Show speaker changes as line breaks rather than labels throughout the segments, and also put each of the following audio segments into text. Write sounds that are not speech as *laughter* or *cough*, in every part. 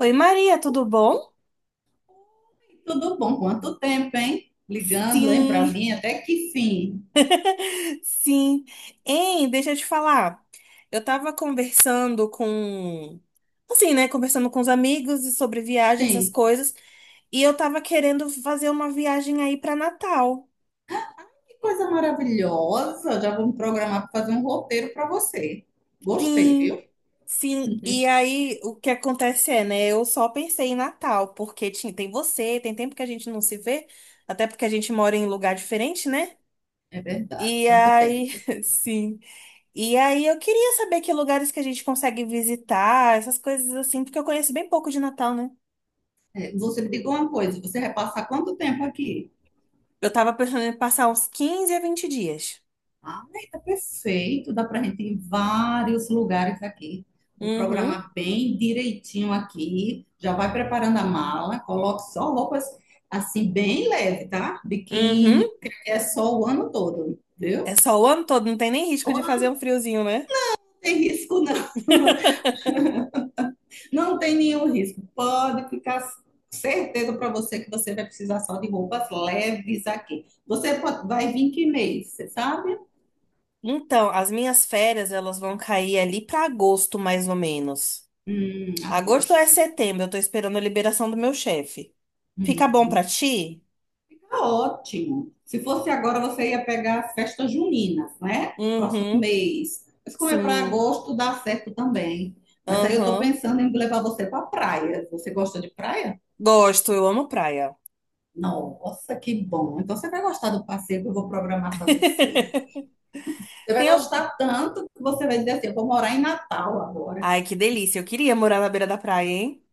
Oi, Maria, tudo bom?
Tudo bom? Quanto tempo, hein? Ligando, hein, para
Sim,
mim, até que fim.
*laughs* sim. Hein, deixa eu te falar. Eu tava conversando com, assim, né, conversando com os amigos e sobre viagens, essas
Sim,
coisas, e eu tava querendo fazer uma viagem aí pra Natal.
que coisa maravilhosa. Já vou me programar para fazer um roteiro para você. Gostei,
Sim,
viu?
sim. E aí, o que acontece é, né? Eu só pensei em Natal, porque tem você, tem tempo que a gente não se vê, até porque a gente mora em lugar diferente, né?
É verdade,
E
tanto
aí,
tempo.
*laughs* sim. E aí eu queria saber que lugares que a gente consegue visitar, essas coisas assim, porque eu conheço bem pouco de Natal, né?
É, você me diga uma coisa, você vai passar quanto tempo aqui?
Eu tava pensando em passar uns 15 a 20 dias.
Ah, tá perfeito. Dá pra gente ir em vários lugares aqui. Vou
Uhum,
programar bem direitinho aqui. Já vai preparando a mala. Coloque só roupas assim, bem leve, tá?
uhum.
Biquíni, porque é só o ano todo, viu?
É só o ano todo, não tem nem risco
Ou
de
não
fazer um friozinho, né?
tem risco, não. *laughs*
*laughs*
Não tem nenhum risco. Pode ficar certeza para você que você vai precisar só de roupas leves aqui. Você pode- vai vir que mês, você sabe?
Então, as minhas férias, elas vão cair ali pra agosto, mais ou menos. Agosto é
Agosto.
setembro, eu tô esperando a liberação do meu chefe. Fica bom
Hum,
pra ti?
Tá ótimo. Se fosse agora, você ia pegar as festas juninas, né? Próximo
Uhum,
mês. Mas como é para
sim,
agosto, dá certo também. Mas aí eu tô
aham.
pensando em levar você para praia. Você gosta de praia?
Gosto, eu amo praia.
Nossa, que bom. Então você vai gostar do passeio que eu vou programar para você. Você vai
Tem, al-
gostar tanto que você vai dizer assim, eu vou morar em Natal agora.
Ai,
*laughs*
que delícia. Eu queria morar na beira da praia, hein?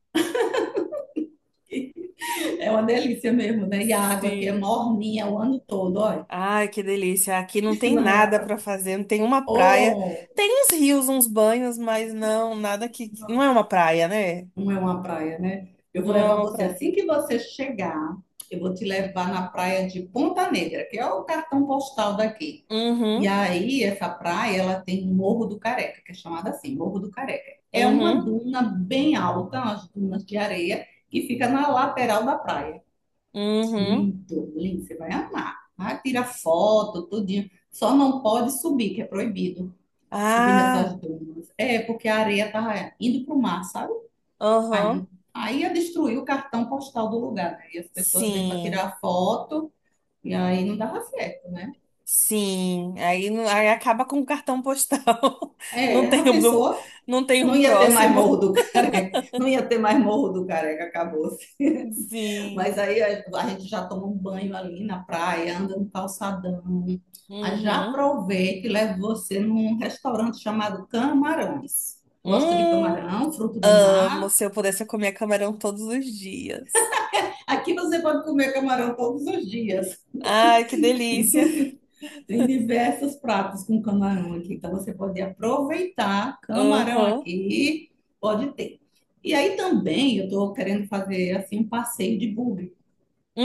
É uma delícia mesmo, né? E a água aqui é
Sim.
morninha o ano todo, olha.
Ai, que delícia. Aqui não
*laughs*
tem
Não é
nada
água.
pra fazer, não tem uma praia.
Oh!
Tem uns rios, uns banhos, mas não, nada que. Não é uma praia, né?
Não é uma praia, né? Eu vou
Não é
levar
uma
você
praia.
assim que você chegar. Eu vou te levar na praia de Ponta Negra, que é o cartão postal daqui. E
Uhum,
aí, essa praia, ela tem o Morro do Careca, que é chamada assim, Morro do Careca. É uma
uhum,
duna bem alta, umas dunas de areia, que fica na lateral da praia.
uhum.
Lindo, lindo, você vai amar. Ah, tira foto, tudinho. Só não pode subir, que é proibido subir nessas
Ah,
dunas. É, porque a areia tá indo pro mar, sabe? Aí,
aham.
não- aí ia destruir o cartão postal do lugar, né? E as pessoas vêm para
Sim,
tirar foto, e aí não dava certo, né?
sim. Aí, não- Aí acaba com o cartão postal. *laughs* Não
É, a
tem, um do-
pessoa
não tem um
não ia ter mais
próximo.
Morro do *laughs* Careca, não ia ter mais Morro do Careca, acabou.
*laughs* Sim.
Mas aí a gente já toma um banho ali na praia, anda no calçadão. Aí já
Uhum.
aproveita e leva você num restaurante chamado Camarões. Gosta de
Hum.
camarão, fruto do
Amo
mar?
se eu pudesse eu comer camarão todos os dias.
Aqui você pode comer camarão todos os dias.
Ai, que
*laughs*
delícia.
Tem diversos pratos com camarão aqui, então você pode aproveitar camarão
Aham.
aqui, pode ter. E aí também eu estou querendo fazer assim um passeio de buggy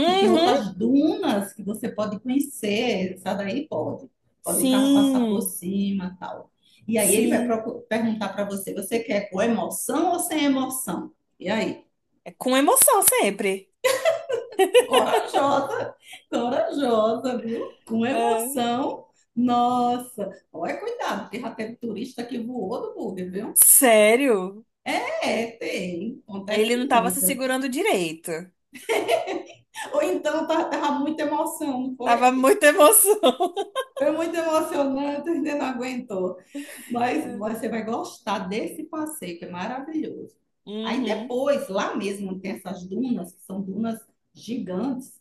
que tem outras dunas que você pode conhecer, essa daí pode. Pode o carro passar por
Sim,
cima, e tal. E aí ele vai
sim.
perguntar para você, você quer com emoção ou sem emoção? E aí?
É com emoção sempre.
Corajosa, corajosa, viu? Com
É.
emoção. Nossa, olha, cuidado, porque já teve turista que voou do Uber, viu?
Sério?
É, tem,
Ele
acontece
não tava se
muito.
segurando direito.
Ou então tava, muita emoção, não foi?
Tava muita emoção. *laughs*
Foi muito emocionante, ainda não aguentou. Mas
É.
você vai gostar desse passeio, que é maravilhoso. Aí
Uhum.
depois, lá mesmo, tem essas dunas, que são dunas gigantes,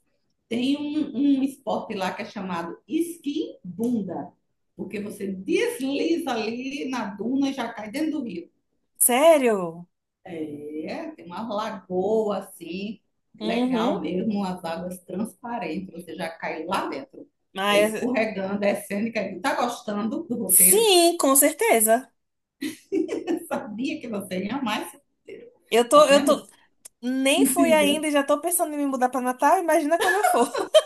tem um esporte lá que é chamado esqui bunda, porque você desliza ali na duna e já cai dentro do rio.
Sério?
É, tem uma lagoa assim,
Uhum.
legal mesmo, as águas transparentes, você já cai lá dentro.
Ah,
É
é-
escorregando, é cênica. Tá gostando do roteiro?
Sim, com certeza.
*laughs* Eu sabia que você ia mais. Tá
Eu
vendo?
tô. Nem fui
Diga.
ainda e já tô pensando em me mudar pra Natal. Imagina quando eu for. *laughs*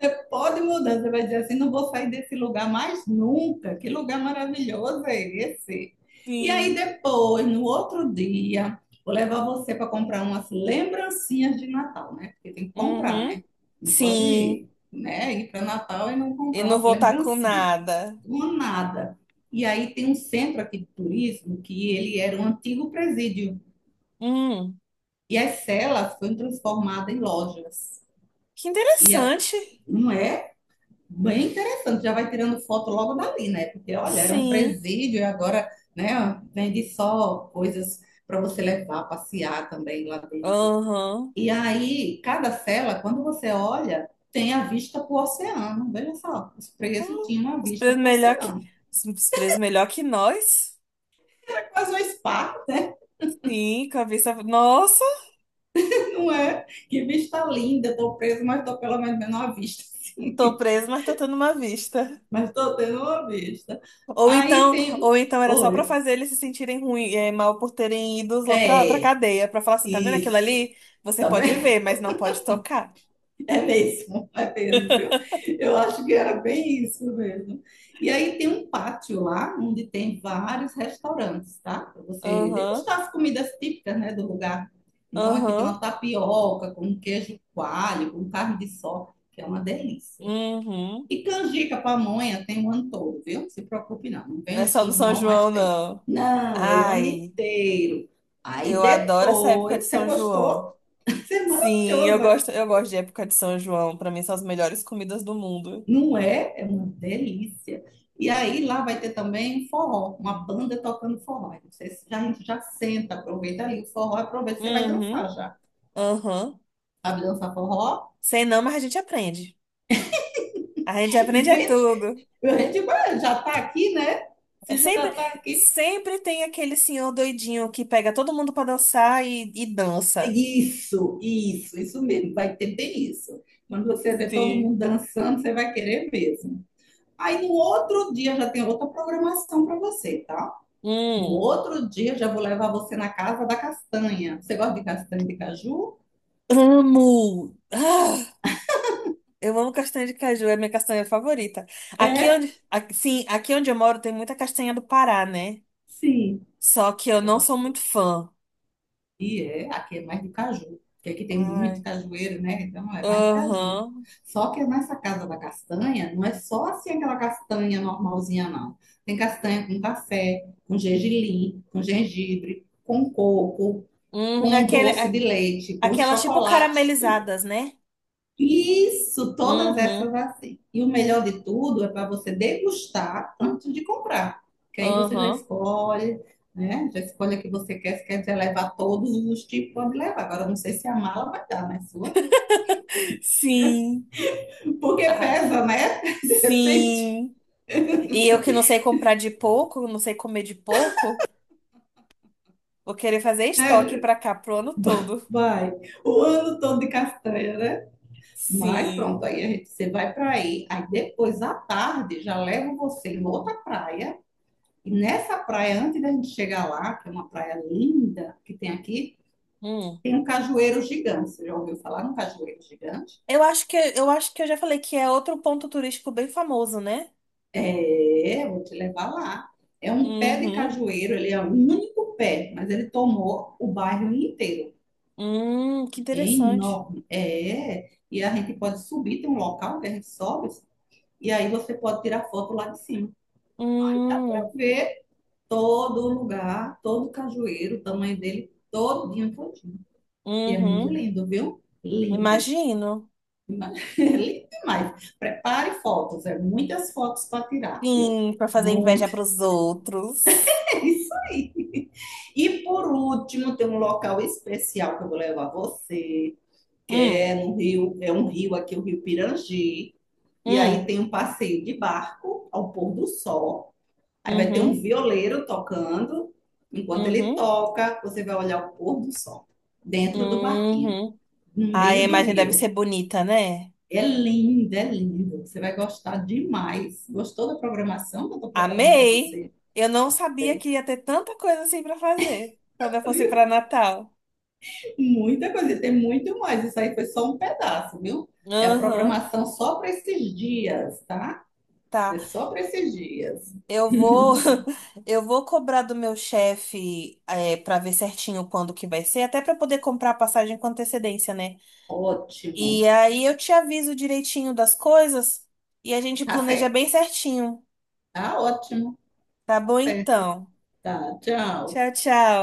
Você pode mudar, você vai dizer assim, não vou sair desse lugar mais nunca. Que lugar maravilhoso é esse? E aí
Sim.
depois, no outro dia, vou levar você para comprar umas lembrancinhas de Natal, né? Porque tem que comprar,
Uhum.
né? Não pode
Sim.
ir, né, ir para Natal e não
E
comprar
não
umas
voltar com
lembrancinhas.
nada.
Uma nada. E aí tem um centro aqui de turismo que ele era um antigo presídio.
Hum,
E as celas foram transformadas em lojas.
que
E a-
interessante.
não é bem interessante, já vai tirando foto logo dali, né? Porque, olha, era um
Sim.
presídio e agora, né, vende só coisas para você levar, passear também lá dentro.
Aham.
E aí, cada cela, quando você olha, tem a vista para o oceano. Veja só, os presos
Hum,
tinham uma
Os
vista
presos
para o
melhor que.
oceano.
Os presos melhor que nós?
É quase um spa, né?
Sim, com a vista. Nossa,
*laughs* Não é? Que vista linda, estou preso, mas estou pelo menos vendo uma vista.
tô preso, mas tô tendo uma vista.
Mas estou tendo uma vista. Aí tem.
Ou então era só pra
Oi.
fazer eles se sentirem ruim, é, mal por terem ido lá pra
É,
cadeia, pra falar assim, tá vendo aquilo
isso.
ali? Você
Tá
pode
vendo?
ver,
*laughs*
mas não pode tocar.
É mesmo, viu? Eu acho que era bem isso mesmo. E aí tem um pátio lá, onde tem vários restaurantes, tá? Para você
Aham,
degustar as comidas típicas, né, do lugar. Então aqui tem
aham,
uma tapioca com queijo coalho, com carne de sol, que é uma delícia.
uhum.
E canjica, pamonha, tem o ano todo, viu? Não se preocupe não, não vem
Não é
no
só
São
do São
João, mas
João,
tem.
não.
Não, é o ano
Ai.
inteiro. Aí
Eu adoro essa época de
depois, você
São João.
gostou? *laughs* Isso é
Sim,
maravilhosa.
eu gosto de época de São João. Pra mim são as melhores comidas do mundo.
Não é? É uma delícia. E aí lá vai ter também um forró, uma banda tocando forró. Aí você já, a gente já senta, aproveita ali o forró, aproveita, você vai dançar
Uhum,
já.
uhum.
Sabe dançar forró?
Sei não, mas a gente aprende. A gente aprende é
Vê,
tudo.
a gente já tá aqui, né?
É
Se já
sempre,
tá aqui,
sempre tem aquele senhor doidinho que pega todo mundo pra dançar e dança.
isso mesmo. Vai ter bem isso. Quando você vê todo mundo
Sim.
dançando, você vai querer mesmo. Aí no outro dia já tem outra programação para você, tá? No
Hum,
outro dia já vou levar você na casa da castanha. Você gosta de castanha de caju?
amo. Ah, eu amo castanha de caju, é minha castanha favorita.
É?
Aqui onde eu moro tem muita castanha do Pará, né?
Sim.
Só que eu não sou muito fã.
E é, aqui é mais de caju, porque aqui tem muito
Ai.
cajueiro, né? Então é mais de caju.
Aham.
Só que é nessa casa da castanha, não é só assim aquela castanha normalzinha, não. Tem castanha com café, com gergelim, com gengibre, com coco,
Hum,
com
aquele,
doce
a-
de leite, com
Aquelas tipo
chocolate, tudo
caramelizadas, né?
isso, todas essas
Uhum.
é assim. E o melhor de tudo é para você degustar antes de comprar, que aí você já
Aham.
escolhe, né? Já escolhe a que você quer, se quer levar todos os tipos, pode levar. Agora, não sei se a mala vai dar, né? Sua?
Sim.
*laughs* Porque
Ah,
pesa, né? De repente,
sim. E eu que não sei comprar de pouco, não sei comer de pouco, vou querer fazer estoque
né?
pra cá pro ano todo.
Vai, o ano todo de castanha, né? Mas
Sim.
pronto, aí a gente, você vai para aí. Aí depois, à tarde, já levo você em outra praia. E nessa praia, antes da gente chegar lá, que é uma praia linda que tem aqui,
Hum.
tem um cajueiro gigante. Você já ouviu falar num cajueiro gigante?
Eu acho que eu acho que eu já falei que é outro ponto turístico bem famoso, né?
É, vou te levar lá. É um pé de
Uhum.
cajueiro, ele é o único pé, mas ele tomou o bairro inteiro.
Que
É
interessante.
enorme, é. E a gente pode subir, tem um local que a gente sobe, e aí você pode tirar foto lá de cima. Dá para
Hum,
ver todo o lugar, todo o cajueiro, o tamanho dele, todinho, todinho. E é muito
uhum.
lindo, viu? Lindo.
Imagino.
Mas, *laughs* lindo demais. Prepare fotos, é muitas fotos para tirar, viu?
Sim, pra fazer inveja
Muito,
pros outros.
*laughs* é isso aí. E por último, tem um local especial que eu vou levar você, que
Hum,
é no rio, é um rio aqui, o Rio Pirangi. E aí
hum,
tem um passeio de barco ao pôr do sol. Aí vai ter um
uhum,
violeiro tocando. Enquanto ele
uhum,
toca, você vai olhar o pôr do sol dentro do barquinho,
uhum.
no
Ai, a
meio do
imagem deve
rio.
ser bonita, né?
É linda, é linda. Você vai gostar demais. Gostou da programação que eu estou preparando para
Amei!
você?
Eu não sabia
Tem,
que ia ter tanta coisa assim pra fazer quando eu fosse
viu?
pra Natal.
Muita coisa, tem muito mais. Isso aí foi só um pedaço, viu? É a
Aham,
programação só para esses dias, tá?
tá.
É só para esses dias.
Eu vou, *laughs* eu vou cobrar do meu chefe é, para ver certinho quando que vai ser, até pra poder comprar a passagem com antecedência, né?
Ótimo.
E aí eu te aviso direitinho das coisas e a gente
Tá
planeja
certo.
bem certinho.
Tá ótimo.
Tá
Tá
bom
certo.
então.
Tá, tchau.
Tchau, tchau.